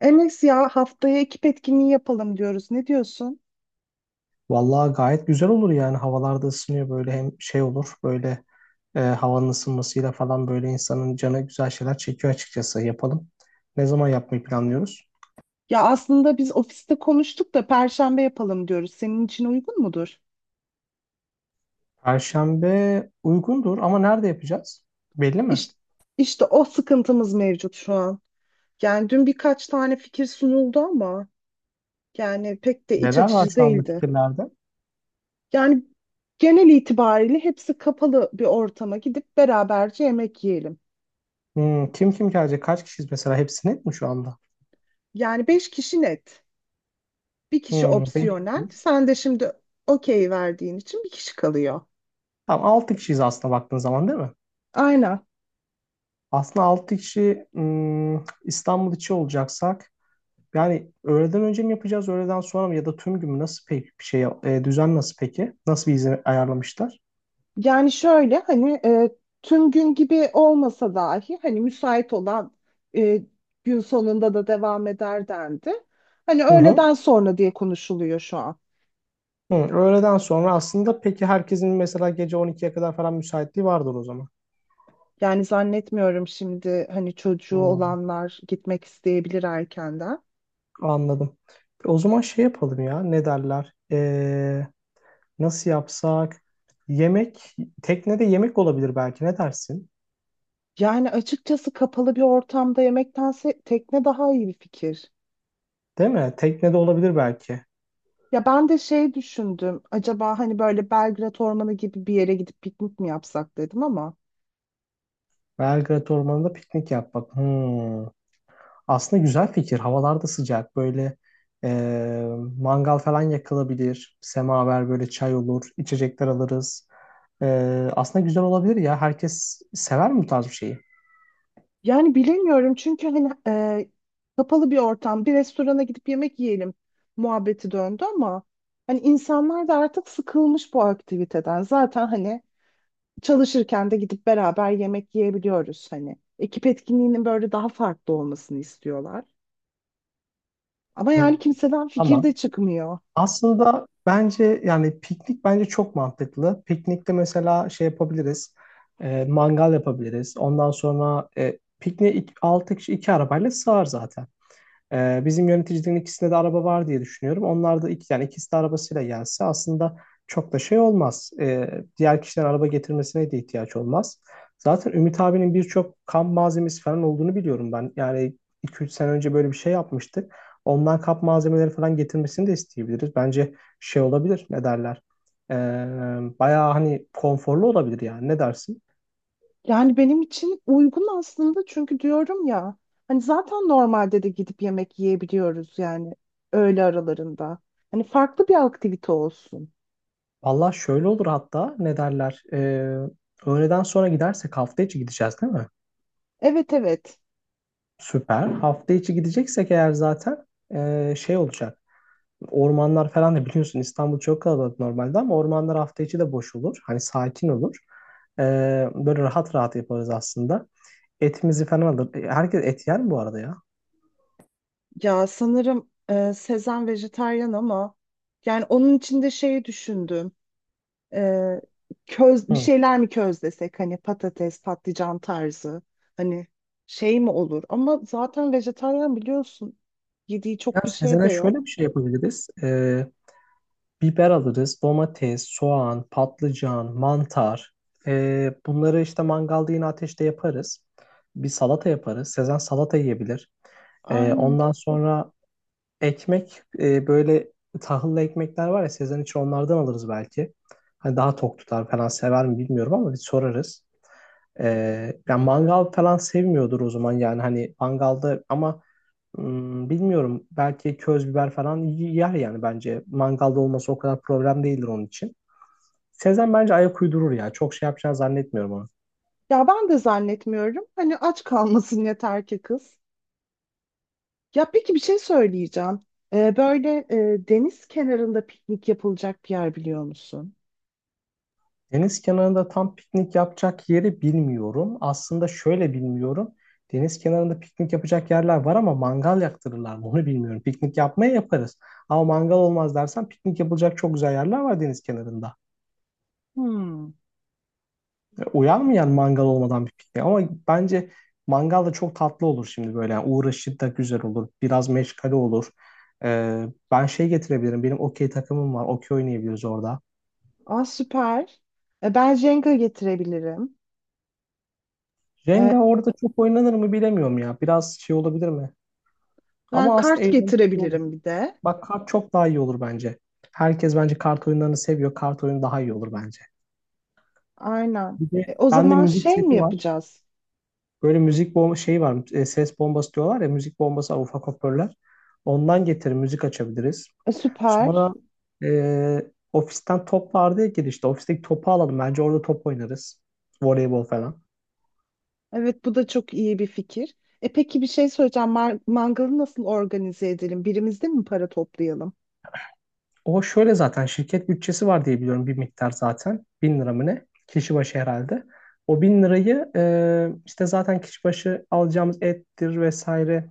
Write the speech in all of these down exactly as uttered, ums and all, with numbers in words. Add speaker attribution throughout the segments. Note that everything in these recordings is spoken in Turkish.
Speaker 1: Enes ya haftaya ekip etkinliği yapalım diyoruz. Ne diyorsun?
Speaker 2: Vallahi gayet güzel olur yani havalarda ısınıyor böyle hem şey olur böyle e, havanın ısınmasıyla falan böyle insanın canı güzel şeyler çekiyor açıkçası yapalım. Ne zaman yapmayı planlıyoruz?
Speaker 1: Ya aslında biz ofiste konuştuk da Perşembe yapalım diyoruz. Senin için uygun mudur?
Speaker 2: Perşembe uygundur ama nerede yapacağız? Belli mi?
Speaker 1: İşte, işte o sıkıntımız mevcut şu an. Yani dün birkaç tane fikir sunuldu ama yani pek de iç
Speaker 2: Neler var
Speaker 1: açıcı
Speaker 2: şu anda
Speaker 1: değildi.
Speaker 2: fikirlerde?
Speaker 1: Yani genel itibariyle hepsi kapalı bir ortama gidip beraberce yemek yiyelim.
Speaker 2: Hmm, kim kim gelecek? Kaç kişiyiz mesela? Hepsi net mi şu anda?
Speaker 1: Yani beş kişi net. Bir kişi
Speaker 2: Hmm, beş
Speaker 1: opsiyonel.
Speaker 2: kişiyiz.
Speaker 1: Sen de şimdi okey verdiğin için bir kişi kalıyor.
Speaker 2: Tamam, altı kişiyiz aslında baktığın zaman, değil mi?
Speaker 1: Aynen.
Speaker 2: Aslında altı kişi hmm, İstanbul içi olacaksak yani öğleden önce mi yapacağız, öğleden sonra mı, ya da tüm gün mü? Nasıl peki bir şey, e, düzen nasıl peki? Nasıl bir izin ayarlamışlar?
Speaker 1: Yani şöyle hani e, tüm gün gibi olmasa dahi hani müsait olan e, gün sonunda da devam eder dendi. Hani
Speaker 2: Hı hı.
Speaker 1: öğleden sonra diye konuşuluyor şu an.
Speaker 2: Hı, öğleden sonra aslında. Peki herkesin mesela gece on ikiye kadar falan müsaitliği vardır o zaman.
Speaker 1: Yani zannetmiyorum şimdi hani çocuğu
Speaker 2: Hı,
Speaker 1: olanlar gitmek isteyebilir erkenden.
Speaker 2: anladım. O zaman şey yapalım ya, ne derler? E, nasıl yapsak? Yemek, teknede yemek olabilir belki, ne dersin?
Speaker 1: Yani açıkçası kapalı bir ortamda yemektense tekne daha iyi bir fikir.
Speaker 2: Değil mi? Teknede olabilir belki.
Speaker 1: Ya ben de şey düşündüm. Acaba hani böyle Belgrad Ormanı gibi bir yere gidip piknik mi yapsak dedim ama.
Speaker 2: Belgrad Ormanı'nda piknik yapmak. Hı. Aslında güzel fikir. Havalar da sıcak. Böyle e, mangal falan yakılabilir. Semaver böyle, çay olur. İçecekler alırız. E, Aslında güzel olabilir ya. Herkes sever mi bu tarz bir şeyi?
Speaker 1: Yani bilemiyorum çünkü hani e, kapalı bir ortam, bir restorana gidip yemek yiyelim muhabbeti döndü ama hani insanlar da artık sıkılmış bu aktiviteden. Zaten hani çalışırken de gidip beraber yemek yiyebiliyoruz hani. Ekip etkinliğinin böyle daha farklı olmasını istiyorlar. Ama
Speaker 2: Hmm.
Speaker 1: yani kimseden fikir
Speaker 2: Tamam.
Speaker 1: de çıkmıyor.
Speaker 2: Aslında bence yani piknik bence çok mantıklı. Piknikte mesela şey yapabiliriz. E, mangal yapabiliriz. Ondan sonra e, pikniğe altı kişi iki arabayla sığar zaten. Ee, bizim yöneticilerin ikisinde de araba var diye düşünüyorum. Onlar da iki, yani ikisi de arabasıyla gelse aslında çok da şey olmaz. Ee, diğer kişilerin araba getirmesine de ihtiyaç olmaz. Zaten Ümit abinin birçok kamp malzemesi falan olduğunu biliyorum ben. Yani iki üç sene önce böyle bir şey yapmıştık. Ondan kamp malzemeleri falan getirmesini de isteyebiliriz. Bence şey olabilir, ne derler? Ee, Bayağı hani konforlu olabilir yani. Ne dersin?
Speaker 1: Yani benim için uygun aslında çünkü diyorum ya hani zaten normalde de gidip yemek yiyebiliyoruz yani öğle aralarında. Hani farklı bir aktivite olsun.
Speaker 2: Valla şöyle olur hatta, ne derler? Ee, öğleden sonra gidersek hafta içi gideceğiz, değil mi?
Speaker 1: Evet evet.
Speaker 2: Süper. Hafta içi gideceksek eğer zaten ee, şey olacak. Ormanlar falan da biliyorsun, İstanbul çok kalabalık normalde ama ormanlar hafta içi de boş olur. Hani sakin olur. Ee, Böyle rahat rahat yaparız aslında. Etimizi falan alır. E, Herkes et yer mi bu arada ya?
Speaker 1: Ya sanırım e, Sezen vejetaryen ama yani onun içinde şeyi düşündüm. E, köz bir
Speaker 2: Hı.
Speaker 1: şeyler mi közlesek hani patates, patlıcan tarzı hani şey mi olur? Ama zaten vejetaryen biliyorsun yediği
Speaker 2: Ya
Speaker 1: çok bir şey de
Speaker 2: Sezen'e şöyle
Speaker 1: yok.
Speaker 2: bir şey yapabiliriz. Ee, Biber alırız, domates, soğan, patlıcan, mantar. Ee, bunları işte mangalda yine ateşte yaparız. Bir salata yaparız. Sezen salata yiyebilir. Ee,
Speaker 1: Aynen.
Speaker 2: ondan sonra ekmek, e, böyle tahıllı ekmekler var ya, Sezen için onlardan alırız belki. Hani daha tok tutar falan, sever mi bilmiyorum ama bir sorarız. Ee, yani mangal falan sevmiyordur o zaman yani, hani mangalda ama Hmm, bilmiyorum. Belki köz biber falan y- yer yani bence. Mangalda olması o kadar problem değildir onun için. Sezen bence ayak uydurur ya. Çok şey yapacağını zannetmiyorum onu.
Speaker 1: Ya ben de zannetmiyorum. Hani aç kalmasın yeter ki kız. Ya peki bir şey söyleyeceğim. Ee, böyle e, deniz kenarında piknik yapılacak bir yer biliyor musun?
Speaker 2: Deniz kenarında tam piknik yapacak yeri bilmiyorum. Aslında şöyle bilmiyorum. Deniz kenarında piknik yapacak yerler var ama mangal yaktırırlar mı onu bilmiyorum. Piknik yapmaya yaparız. Ama mangal olmaz dersen piknik yapılacak çok güzel yerler var deniz kenarında.
Speaker 1: Hmm.
Speaker 2: Uyanmayan mangal olmadan bir piknik. Ama bence mangal da çok tatlı olur şimdi böyle. Yani uğraşı da güzel olur. Biraz meşgale olur. Ee, Ben şey getirebilirim. Benim okey takımım var. Okey oynayabiliriz orada.
Speaker 1: Aa süper. E, ben Jenga getirebilirim.
Speaker 2: Jenga
Speaker 1: E,
Speaker 2: orada çok oynanır mı bilemiyorum ya. Biraz şey olabilir mi?
Speaker 1: ben
Speaker 2: Ama aslında
Speaker 1: kart
Speaker 2: eğlenceli de olur.
Speaker 1: getirebilirim bir de.
Speaker 2: Bak, kart çok daha iyi olur bence. Herkes bence kart oyunlarını seviyor. Kart oyunu daha iyi olur bence.
Speaker 1: Aynen.
Speaker 2: Bir de
Speaker 1: E, o
Speaker 2: bende
Speaker 1: zaman
Speaker 2: müzik
Speaker 1: şey mi
Speaker 2: seti var.
Speaker 1: yapacağız?
Speaker 2: Böyle müzik bomba şey var. E, ses bombası diyorlar ya. Müzik bombası var, ufak hoparlörler. Ondan getir, müzik açabiliriz.
Speaker 1: E, süper.
Speaker 2: Sonra e, ofisten top vardı ya girişte. Ofisteki topu alalım. Bence orada top oynarız. Voleybol falan.
Speaker 1: Evet, bu da çok iyi bir fikir. E peki bir şey söyleyeceğim. Mar- mangalı nasıl organize edelim? Birimizde mi para toplayalım?
Speaker 2: O şöyle, zaten şirket bütçesi var diye biliyorum bir miktar zaten. Bin lira mı ne? Kişi başı herhalde. O bin lirayı e, işte zaten kişi başı alacağımız ettir vesaire,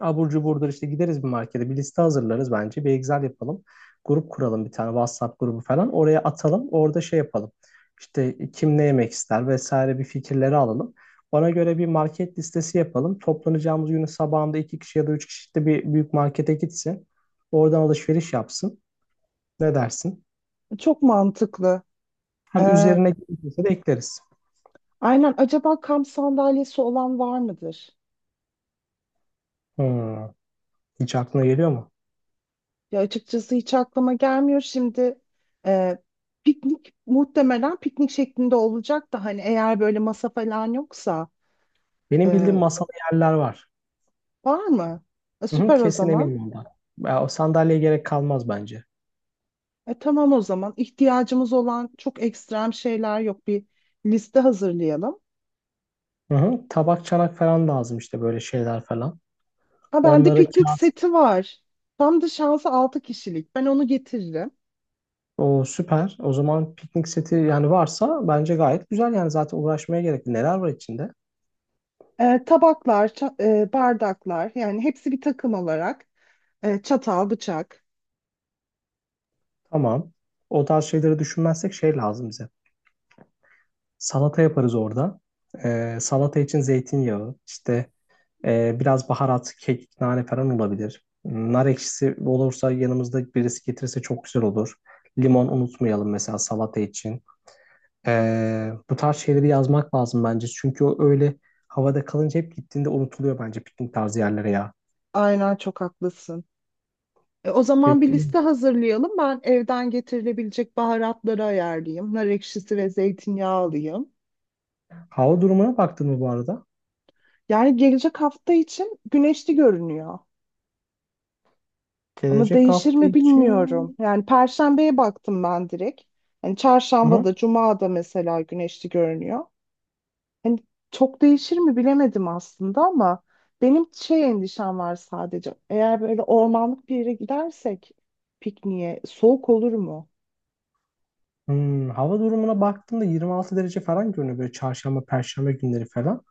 Speaker 2: abur cuburdur işte, gideriz bir markete, bir liste hazırlarız bence. Bir Excel yapalım. Grup kuralım, bir tane WhatsApp grubu falan. Oraya atalım. Orada şey yapalım. İşte kim ne yemek ister vesaire, bir fikirleri alalım. Ona göre bir market listesi yapalım. Toplanacağımız günün sabahında iki kişi ya da üç kişi işte bir büyük markete gitsin. Oradan alışveriş yapsın. Ne dersin?
Speaker 1: Çok mantıklı.
Speaker 2: Hani
Speaker 1: Ee,
Speaker 2: üzerine gelirse de ekleriz.
Speaker 1: aynen. Acaba kamp sandalyesi olan var mıdır?
Speaker 2: Hmm. Hiç aklına geliyor mu?
Speaker 1: Ya açıkçası hiç aklıma gelmiyor. Şimdi e, piknik muhtemelen piknik şeklinde olacak da hani eğer böyle masa falan yoksa
Speaker 2: Benim
Speaker 1: e,
Speaker 2: bildiğim masalı yerler var.
Speaker 1: var mı? E,
Speaker 2: Hı hı,
Speaker 1: süper o
Speaker 2: kesin
Speaker 1: zaman.
Speaker 2: eminim ondan. Ya, o sandalyeye gerek kalmaz bence.
Speaker 1: E, tamam o zaman. İhtiyacımız olan çok ekstrem şeyler yok. Bir liste hazırlayalım.
Speaker 2: Hı hı. Tabak, çanak falan lazım işte, böyle şeyler falan.
Speaker 1: Ha, bende
Speaker 2: Onlara
Speaker 1: piknik
Speaker 2: kağıt.
Speaker 1: seti var. Tam da şansı altı kişilik. Ben onu getiririm.
Speaker 2: O süper. O zaman piknik seti yani, varsa bence gayet güzel yani, zaten uğraşmaya gerek yok. Neler var içinde?
Speaker 1: Ee, tabaklar, ça- e, bardaklar yani hepsi bir takım olarak. Ee, çatal, bıçak.
Speaker 2: Tamam. O tarz şeyleri düşünmezsek şey lazım bize. Salata yaparız orada. Ee, salata için zeytinyağı, işte e, biraz baharat, kekik, nane falan olabilir. Nar ekşisi olursa, yanımızda birisi getirirse çok güzel olur. Limon unutmayalım mesela salata için. Ee, bu tarz şeyleri yazmak lazım bence. Çünkü o öyle havada kalınca hep, gittiğinde unutuluyor bence piknik tarzı yerlere ya.
Speaker 1: Aynen, çok haklısın. E, o zaman bir
Speaker 2: Peki
Speaker 1: liste hazırlayalım. Ben evden getirilebilecek baharatları ayarlayayım. Nar ekşisi ve zeytinyağı alayım.
Speaker 2: hava durumuna baktın mı bu arada?
Speaker 1: Yani gelecek hafta için güneşli görünüyor. Ama
Speaker 2: Gelecek
Speaker 1: değişir
Speaker 2: hafta
Speaker 1: mi bilmiyorum.
Speaker 2: için...
Speaker 1: Yani Perşembe'ye baktım ben direkt. Yani
Speaker 2: Hı
Speaker 1: Çarşamba
Speaker 2: hı.
Speaker 1: da, Cuma da mesela güneşli görünüyor. Hani çok değişir mi bilemedim aslında ama benim şey endişem var sadece. Eğer böyle ormanlık bir yere gidersek pikniğe soğuk olur mu?
Speaker 2: Hmm, hava durumuna baktığımda yirmi altı derece falan görünüyor böyle çarşamba, perşembe günleri falan.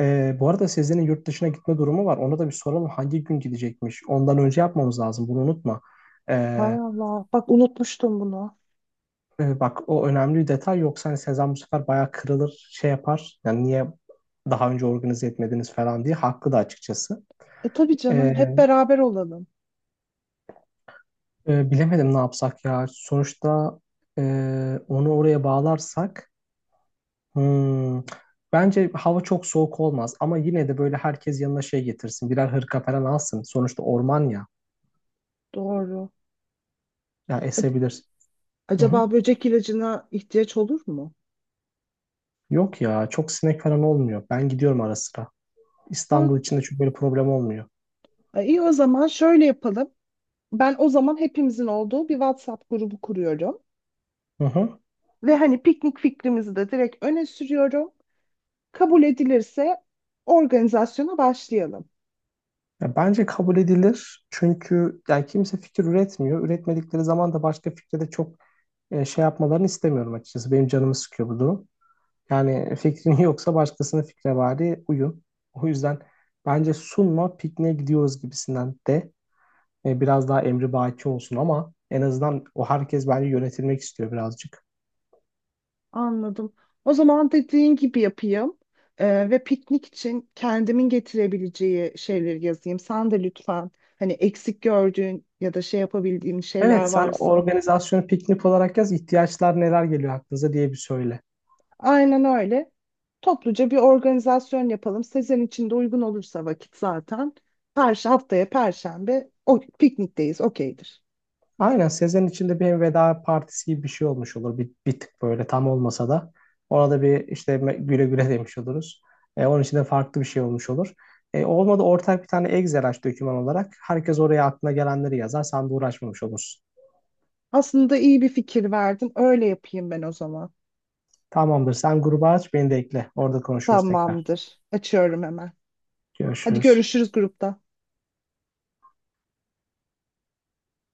Speaker 2: Ee, bu arada Sezen'in yurt dışına gitme durumu var. Ona da bir soralım hangi gün gidecekmiş. Ondan önce yapmamız lazım bunu, unutma.
Speaker 1: Hay
Speaker 2: Ee,
Speaker 1: Allah, bak unutmuştum bunu.
Speaker 2: Evet, bak, o önemli bir detay. Yoksa hani Sezen bu sefer bayağı kırılır, şey yapar yani, niye daha önce organize etmediniz falan diye haklı da açıkçası.
Speaker 1: E tabii canım,
Speaker 2: Ee,
Speaker 1: hep beraber olalım.
Speaker 2: e, Bilemedim, ne yapsak ya sonuçta. e, Onu oraya bağlarsak hmm, bence hava çok soğuk olmaz ama yine de böyle herkes yanına şey getirsin, birer hırka falan alsın, sonuçta orman ya,
Speaker 1: Doğru.
Speaker 2: ya
Speaker 1: A-
Speaker 2: esebilir. Hı hı.
Speaker 1: Acaba böcek ilacına ihtiyaç olur mu?
Speaker 2: Yok ya, çok sinek falan olmuyor, ben gidiyorum ara sıra
Speaker 1: Ha,
Speaker 2: İstanbul içinde, çünkü böyle problem olmuyor.
Speaker 1: e, iyi o zaman şöyle yapalım. Ben o zaman hepimizin olduğu bir WhatsApp grubu kuruyorum.
Speaker 2: Hı hı.
Speaker 1: Ve hani piknik fikrimizi de direkt öne sürüyorum. Kabul edilirse organizasyona başlayalım.
Speaker 2: Ya bence kabul edilir. Çünkü yani kimse fikir üretmiyor. Üretmedikleri zaman da başka fikre de çok e, şey yapmalarını istemiyorum açıkçası. Benim canımı sıkıyor bu durum. Yani fikrin yoksa başkasının fikre bari uyun. O yüzden bence sunma, pikniğe gidiyoruz gibisinden de e, biraz daha emri baki olsun ama en azından, o herkes bence yönetilmek istiyor birazcık.
Speaker 1: Anladım. O zaman dediğin gibi yapayım. Ee, ve piknik için kendimin getirebileceği şeyleri yazayım. Sen de lütfen hani eksik gördüğün ya da şey yapabildiğin şeyler
Speaker 2: Evet, sen
Speaker 1: varsa.
Speaker 2: organizasyonu piknik olarak yaz, ihtiyaçlar neler geliyor aklınıza diye bir söyle.
Speaker 1: Aynen öyle. Topluca bir organizasyon yapalım. Sezen için de uygun olursa vakit zaten. Perş haftaya Perşembe o piknikteyiz. Okeydir.
Speaker 2: Aynen, sezenin içinde bir hem veda partisi gibi bir şey olmuş olur. Bir, bir tık böyle, tam olmasa da. Ona da bir işte me- güle güle demiş oluruz. E, onun için de farklı bir şey olmuş olur. E, olmadı ortak bir tane Excel aç doküman olarak. Herkes oraya aklına gelenleri yazar. Sen de uğraşmamış olursun.
Speaker 1: Aslında iyi bir fikir verdin. Öyle yapayım ben o zaman.
Speaker 2: Tamamdır. Sen gruba aç, beni de ekle. Orada konuşuruz tekrar.
Speaker 1: Tamamdır. Açıyorum hemen. Hadi,
Speaker 2: Görüşürüz.
Speaker 1: görüşürüz grupta.